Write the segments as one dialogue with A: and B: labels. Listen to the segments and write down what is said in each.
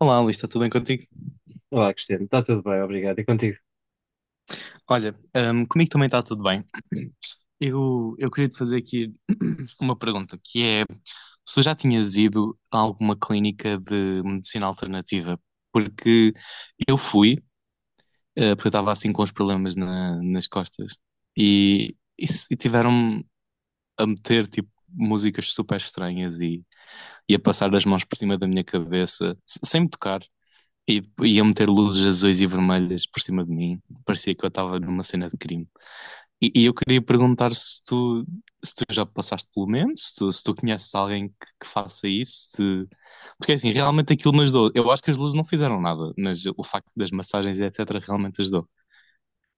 A: Olá, Luís, está tudo bem contigo?
B: Olá, Cristiano, está tudo bem, obrigado. E contigo?
A: Olha, comigo também está tudo bem. Eu queria te fazer aqui uma pergunta, que é se tu já tinhas ido a alguma clínica de medicina alternativa? Porque eu fui, porque eu estava assim com os problemas nas costas e, se- e tiveram-me a meter tipo músicas super estranhas e a passar as mãos por cima da minha cabeça, sem me tocar. E iam meter luzes azuis e vermelhas por cima de mim. Parecia que eu estava numa cena de crime. E eu queria perguntar se tu, se tu já passaste pelo mesmo, se tu conheces alguém que faça isso. Porque assim, realmente aquilo me ajudou. Eu acho que as luzes não fizeram nada, mas o facto das massagens e etc. realmente ajudou.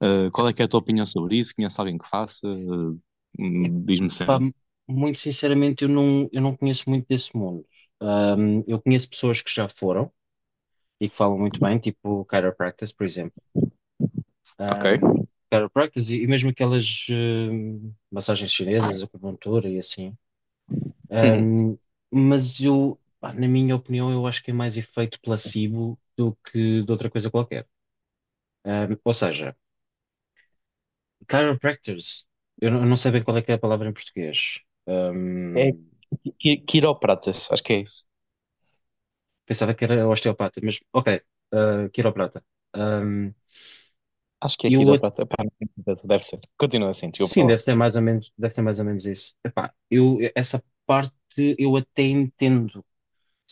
A: Ah, qual é que é a tua opinião sobre isso? Conheces alguém que faça? Diz-me
B: Pá,
A: cena.
B: muito sinceramente, eu não conheço muito desse mundo. Eu conheço pessoas que já foram e que falam muito bem, tipo chiropractors, por exemplo.
A: Ok.
B: Um, Chiropractors e mesmo aquelas massagens chinesas, acupuntura e assim.
A: Uhum.
B: Ahm, mas eu, pá, na minha opinião, eu acho que é mais efeito placebo do que de outra coisa qualquer. Ou seja, chiropractors, eu não sei bem qual é que é a palavra em português.
A: É
B: Ahm,
A: quiropratas, acho que é isso.
B: Pensava que era osteopata, mas ok, quiroprata. Ahm,
A: Acho que é
B: e o outro,
A: quiroprata. Pá, não tenho certeza, deve ser. Continua assim, desculpa
B: sim,
A: lá.
B: deve ser mais ou menos, deve ser mais ou menos isso. Epá, essa parte eu até entendo. Ou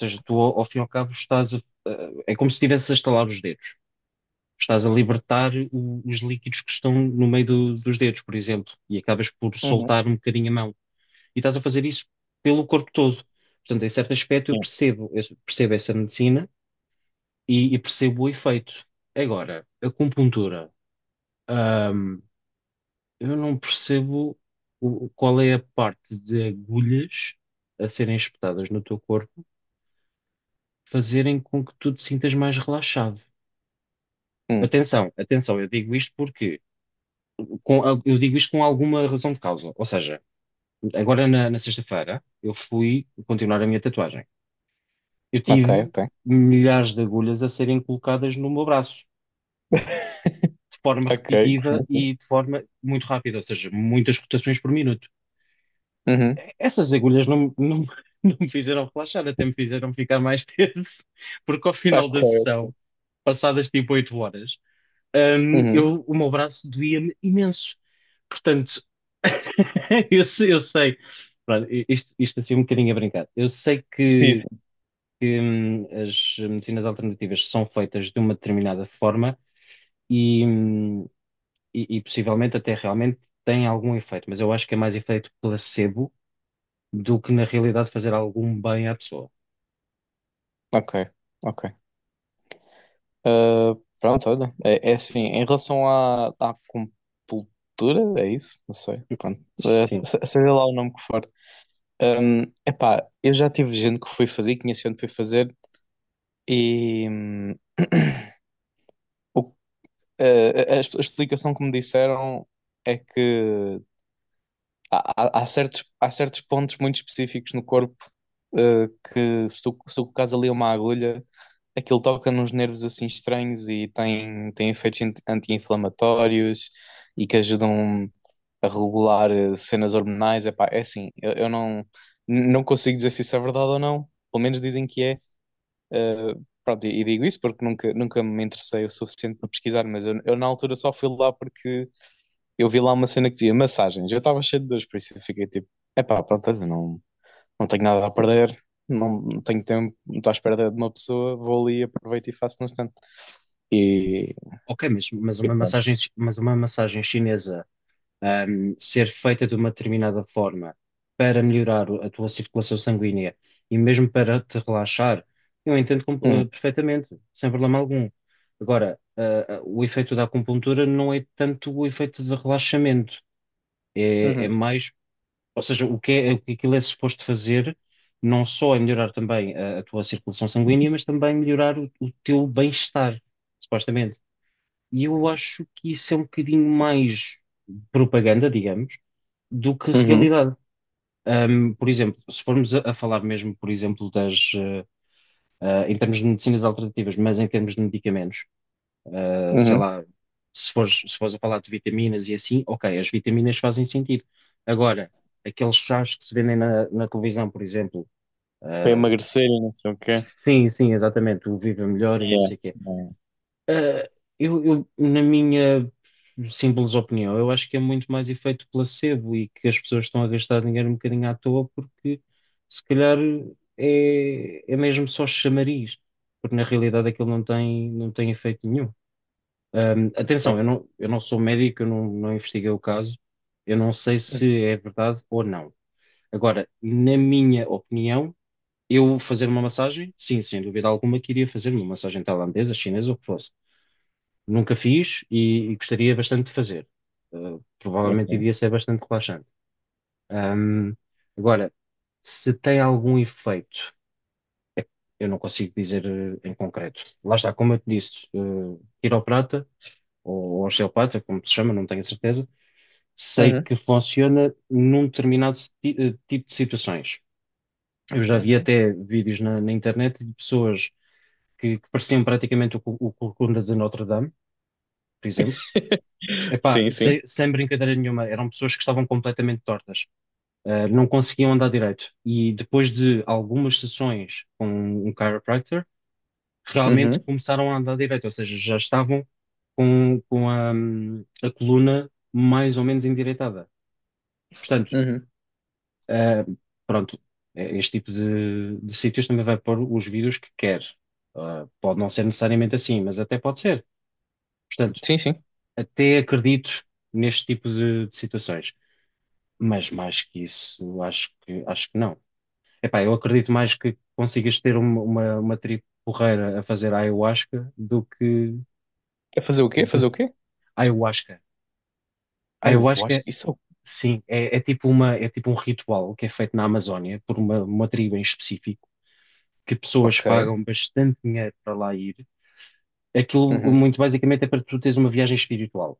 B: seja, tu ao fim e ao cabo é como se estivesse a estalar os dedos. Estás a libertar os líquidos que estão no meio dos dedos, por exemplo, e acabas por soltar um bocadinho a mão. E estás a fazer isso pelo corpo todo. Portanto, em certo aspecto eu
A: Hum,
B: percebo, eu percebo essa medicina e percebo o efeito. Agora, acupuntura. Ahm, eu não percebo qual é a parte de agulhas a serem espetadas no teu corpo fazerem com que tu te sintas mais relaxado.
A: hum,
B: Atenção, atenção, eu digo isto porque eu digo isto com alguma razão de causa. Ou seja, agora na sexta-feira eu fui continuar a minha tatuagem. Eu
A: ok,
B: tive
A: ok.
B: milhares de agulhas a serem colocadas no meu braço, de forma
A: Ok,
B: repetitiva
A: sim.
B: e de forma muito rápida, ou seja, muitas rotações por minuto.
A: Uhum,
B: Essas agulhas não me fizeram relaxar, até me fizeram ficar mais tenso, porque ao final da
A: ok.
B: sessão, passadas tipo 8 horas,
A: Uhum,
B: o meu braço doía-me imenso. Portanto, eu, sei, eu sei- pronto, isto assim um bocadinho a brincar. Eu sei
A: sim,
B: que,
A: sim.
B: que, hum, as medicinas alternativas são feitas de uma determinada forma e, hum, e possivelmente até realmente têm algum efeito, mas eu acho que é mais efeito placebo do que na realidade fazer algum bem à pessoa.
A: Ok, ok. Ah, pronto, olha. É assim, em relação à compultura, é isso? Não sei, pronto. Ah,
B: Sim,
A: se- seja lá o nome que for. Epá, eu já tive gente que foi fazer, conheci gente que foi fazer e o- uh, a explicação que me disseram é que há há certos pontos muito específicos no corpo, eh, que se tu colocares ali uma agulha, aquilo toca nos nervos assim estranhos e tem efeitos anti-inflamatórios e que ajudam a regular cenas hormonais. Epá, é assim, eu não consigo dizer se isso é verdade ou não, pelo menos dizem que é. Pronto, e digo isso porque nunca me interessei o suficiente para pesquisar, mas eu na altura só fui lá porque eu vi lá uma cena que dizia massagens. Eu estava cheio de dores, por isso eu fiquei tipo, epá, pronto, olha, não, não tenho nada a perder, não não tenho tempo, não estou à espera de uma pessoa, vou ali, aproveito e faço no stand. E,
B: ok, mas
A: e
B: uma
A: pronto.
B: massagem, mas uma massagem chinesa, ser feita de uma determinada forma para melhorar a tua circulação sanguínea e mesmo para te relaxar, eu entendo
A: Uhum,
B: perfeitamente, sem problema algum. Agora, o efeito da acupuntura não é tanto o efeito de relaxamento, é
A: uhum,
B: mais. Ou seja, o que aquilo é suposto fazer não só é melhorar também a tua circulação sanguínea, mas também melhorar o teu bem-estar, supostamente. E eu acho que isso é um bocadinho mais propaganda, digamos, do que
A: uhum,
B: realidade. Por exemplo, se formos a falar mesmo, por exemplo, em termos de medicinas alternativas, mas em termos de medicamentos, sei
A: uhum.
B: lá, se fores a falar de vitaminas e assim, ok, as vitaminas fazem sentido. Agora, aqueles chás que se vendem na televisão, por exemplo,
A: Para
B: ah,
A: emagrecer e não sei o quê.
B: sim, sim, exatamente, o Viva Melhor e não
A: Yeah.
B: sei o quê.
A: Yeah.
B: Ah, Na minha simples opinião, eu acho que é muito mais efeito placebo e que as pessoas estão a gastar dinheiro um bocadinho à toa porque se calhar é mesmo só chamariz, porque na realidade aquilo não tem efeito nenhum.
A: Ok.
B: Atenção, eu não sou médico, eu não investiguei o caso, eu não sei se é verdade ou não. Agora, na minha opinião, eu fazer uma massagem, sim, sem dúvida alguma, queria fazer uma massagem tailandesa, chinesa, ou o que fosse. Nunca fiz e gostaria bastante de fazer. Provavelmente iria ser bastante relaxante. Ahm, Agora, se tem algum efeito, eu não consigo dizer em concreto. Lá está, como eu te disse, quiroprata ou osteopata, como se chama, não tenho certeza. Sei que funciona num determinado tipo de situações. Eu já vi até vídeos na internet de pessoas que pareciam praticamente o Corcunda de Notre Dame, por exemplo. Epá,
A: Sim,
B: sem,
A: sim.
B: sem brincadeira nenhuma, eram pessoas que estavam completamente tortas, não conseguiam andar direito. E depois de algumas sessões com um chiropractor, realmente
A: Uhum,
B: começaram a andar direito, ou seja, já estavam com a coluna mais ou menos endireitada. Portanto,
A: uhum.
B: Ah, pronto, este tipo de sítios também vai pôr os vídeos que quer. Pode não ser necessariamente assim, mas até pode ser. Portanto,
A: Sim, sim.
B: até acredito neste tipo de situações. Mas mais que isso, acho que não. Epá, eu acredito mais que consigas ter uma tribo porreira a fazer ayahuasca do que
A: É fazer o quê? Fazer
B: de-
A: o quê?
B: ayahuasca.
A: Ah, eu acho
B: Ayahuasca,
A: que isso.
B: sim, é tipo um ritual que é feito na Amazónia por uma tribo em específico que pessoas
A: Ok.
B: pagam bastante dinheiro para lá ir. Aquilo,
A: Uhum.
B: muito basicamente, é para tu teres uma viagem espiritual,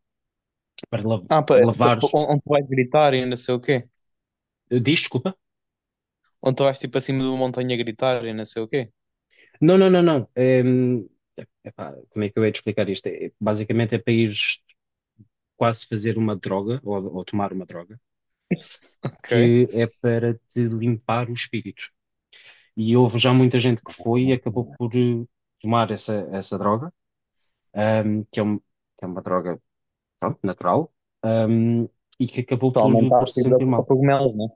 B: para
A: Ah, pa,
B: lavares.
A: Onde tu vais gritar e não sei o quê?
B: Diz, desculpa?
A: Onde tu vais tipo acima de uma montanha a gritar e não sei o quê?
B: Não, não, não, não. Como é que eu ia te explicar isto? Basicamente, é para ires quase fazer uma droga, ou tomar uma droga,
A: Ok.
B: que é para te limpar o espírito. E houve já muita gente que foi e acabou por tomar essa droga, que é uma droga, pronto, natural, hum, e que acabou
A: Para
B: por,
A: aumentar
B: por se
A: assim
B: sentir
A: os
B: mal.
A: cogumelos, né?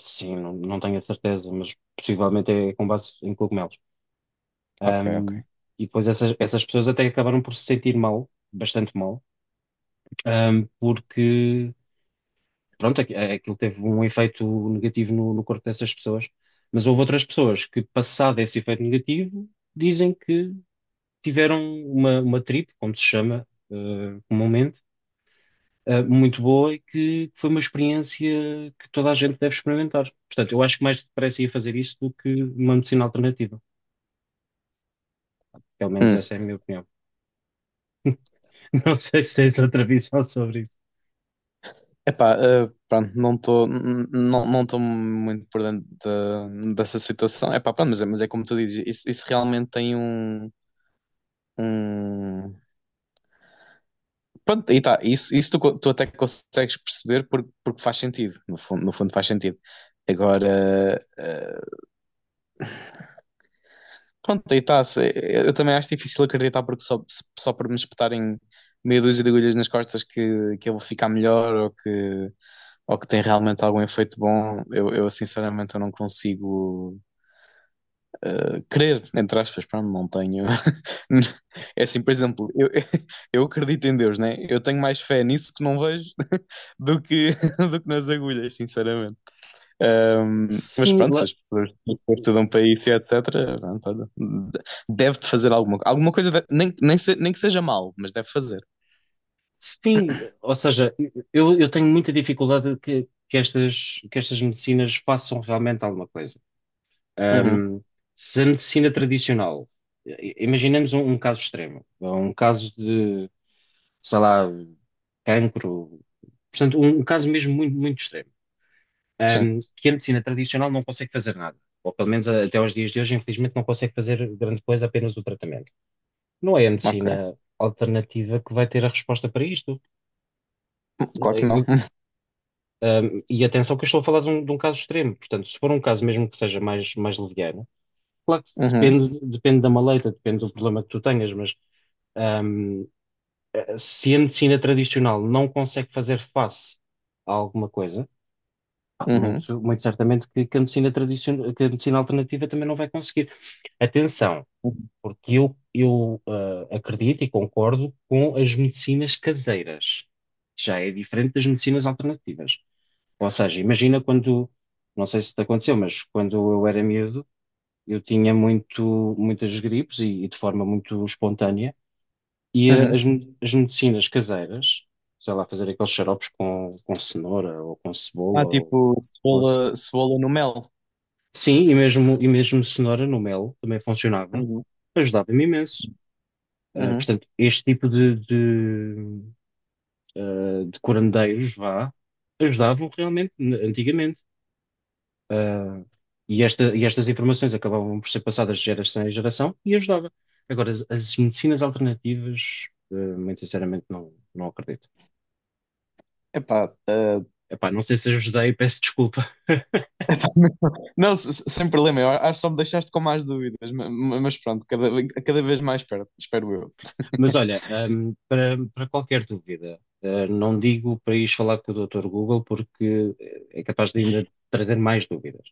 B: Sim, não, não tenho a certeza, mas possivelmente é com base em cogumelos.
A: Ok,
B: Ahm,
A: ok.
B: e depois essas pessoas até acabaram por se sentir mal, bastante mal, porque, pronto, aquilo teve um efeito negativo no corpo dessas pessoas. Mas houve outras pessoas que, passado esse efeito negativo, dizem que tiveram uma trip, como se chama, comumente muito boa e que foi uma experiência que toda a gente deve experimentar. Portanto, eu acho que mais depressa ia fazer isso do que uma medicina alternativa. Pelo menos
A: Hum.
B: essa é a minha opinião. Não sei se tens outra visão sobre isso.
A: Epá, pronto, não não estou muito por dentro dessa situação. Epá, pronto, mas é como tu dizes, isso realmente tem um, um... Pronto, e tá, isso tu, tu até consegues perceber porque, porque faz sentido, no fundo, no fundo faz sentido. Agora, pronto, aí tá, eu também acho difícil acreditar porque só, só por me espetarem meia dúzia de agulhas nas costas que eu vou ficar melhor ou que tem realmente algum efeito bom, eu sinceramente eu não consigo crer, entre aspas, pá, não tenho. É assim, por exemplo, eu, eu acredito em Deus, né? Eu tenho mais fé nisso que não vejo do que, do que nas agulhas, sinceramente. Mas
B: Sim,
A: pronto, se
B: lá-
A: as pessoas estudam para isso e etc., pronto, olha, deve-te fazer alguma, alguma coisa, nem que seja mal, mas deve fazer.
B: sim, ou seja, eu tenho muita dificuldade que estas medicinas façam realmente alguma coisa.
A: Uhum,
B: Ahm, Se a medicina tradicional, imaginemos um caso extremo, um caso de, sei lá, cancro. Portanto, um caso mesmo muito, muito extremo,
A: sim,
B: que a medicina tradicional não consegue fazer nada, ou pelo menos até aos dias de hoje, infelizmente, não consegue fazer grande coisa, apenas o tratamento. Não é a
A: ok.
B: medicina alternativa que vai ter a resposta para isto.
A: Claro que não.
B: Um, e atenção que eu estou a falar de um, caso extremo, portanto, se for um caso mesmo que seja mais, mais leviano, claro que
A: Uhum,
B: depende da maleta, depende do problema que tu tenhas, mas um, se a medicina tradicional não consegue fazer face a alguma coisa,
A: uhum,
B: muito, muito certamente que a medicina alternativa também não vai conseguir. Atenção, porque eu, eu acredito e concordo com as medicinas caseiras. Já é diferente das medicinas alternativas. Ou seja, imagina quando, não sei se te aconteceu, mas quando eu era miúdo, eu tinha muitas gripes e de forma muito espontânea,
A: uhum.
B: as medicinas caseiras, sei lá, fazer aqueles xaropes com cenoura ou com
A: Ah,
B: cebola
A: tipo,
B: ou
A: cebola, cebola no mel.
B: Sim, e mesmo cenoura no mel também funcionava,
A: Uhum,
B: ajudava-me imenso.
A: uhum.
B: Portanto, este tipo de curandeiros, vá, ajudavam realmente antigamente. Ah, e estas informações acabavam por ser passadas de geração em geração e ajudava. Agora, as medicinas alternativas, muito sinceramente, não acredito.
A: Epá, ah,
B: Epá, não sei se ajudei, peço desculpa.
A: Epá, não, sem problema, eu acho que só me deixaste com mais dúvidas, mas pronto, cada, cada vez mais perto, espero eu.
B: Mas olha, para qualquer dúvida, não digo para ires falar com o Dr. Google porque é capaz de ainda trazer mais dúvidas.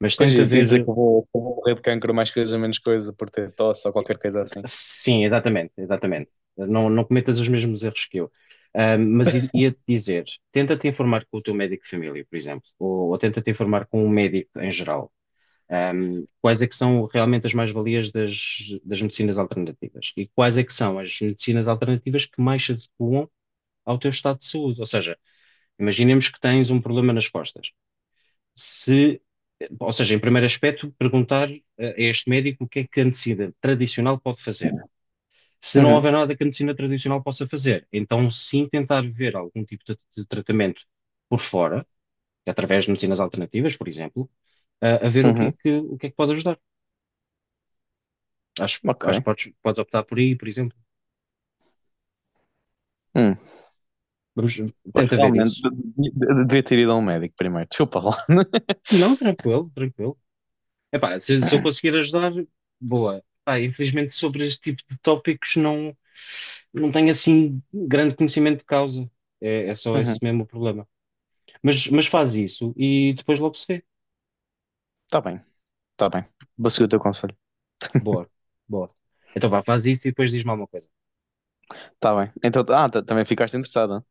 B: Mas
A: Pois,
B: tenta
A: e dizer
B: ver.
A: que que eu vou morrer de cancro mais coisa menos coisa por ter tosse ou qualquer coisa assim.
B: Sim, exatamente, exatamente. Não, não cometas os mesmos erros que eu. Mas ia-te dizer, tenta-te informar com o teu médico de família, por exemplo, ou tenta-te informar com um médico em geral. Quais é que são realmente as mais-valias das medicinas alternativas? E quais é que são as medicinas alternativas que mais se adequam ao teu estado de saúde. Ou seja, imaginemos que tens um problema nas costas. Se, Ou seja, em primeiro aspecto, perguntar a este médico o que é que a medicina tradicional pode fazer. Se não
A: Uhum,
B: houver nada que a medicina tradicional possa fazer, então sim tentar ver algum tipo de tratamento por fora, através de medicinas alternativas, por exemplo, a ver o que é
A: uhum,
B: que, o que é que pode ajudar. Acho que
A: ok.
B: podes optar por aí, por exemplo.
A: Hum.
B: Vamos,
A: Pois
B: Tenta ver
A: realmente,
B: isso.
A: devia ter ido a um médico primeiro. Desculpa lá.
B: Não, tranquilo, tranquilo. Epá, se eu conseguir ajudar, boa. Pá, infelizmente sobre este tipo de tópicos não tenho assim grande conhecimento de causa. É só
A: Uhum,
B: esse mesmo o problema. Mas faz isso e depois logo se vê.
A: tá bem, tá bem. Vou seguir o teu conselho.
B: Boa, boa. Então vá, faz isso e depois diz-me alguma coisa.
A: Tá bem. Então, também ficaste interessada.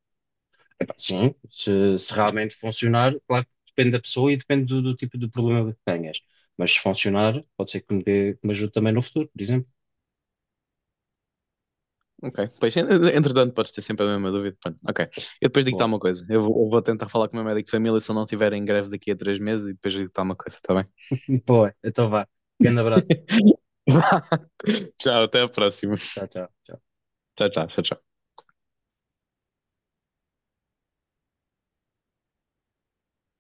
B: Epá, sim, se realmente funcionar, claro que depende da pessoa e depende do tipo de problema que tenhas. Mas se funcionar, pode ser que me ajude também no futuro, por exemplo.
A: Ok, pois, entretanto, podes ter sempre a mesma dúvida. Pronto, ok. Eu depois digo-te
B: Boa.
A: alguma coisa. Eu vou tentar falar com o meu médico de família se ele não estiver em greve daqui a 3 meses e depois digo-te alguma coisa, está bem?
B: Boa, então vá. Grande abraço.
A: Tchau, até a próxima.
B: Tchau, tchau. Tchau.
A: Tchau, tchau, tchau, tchau.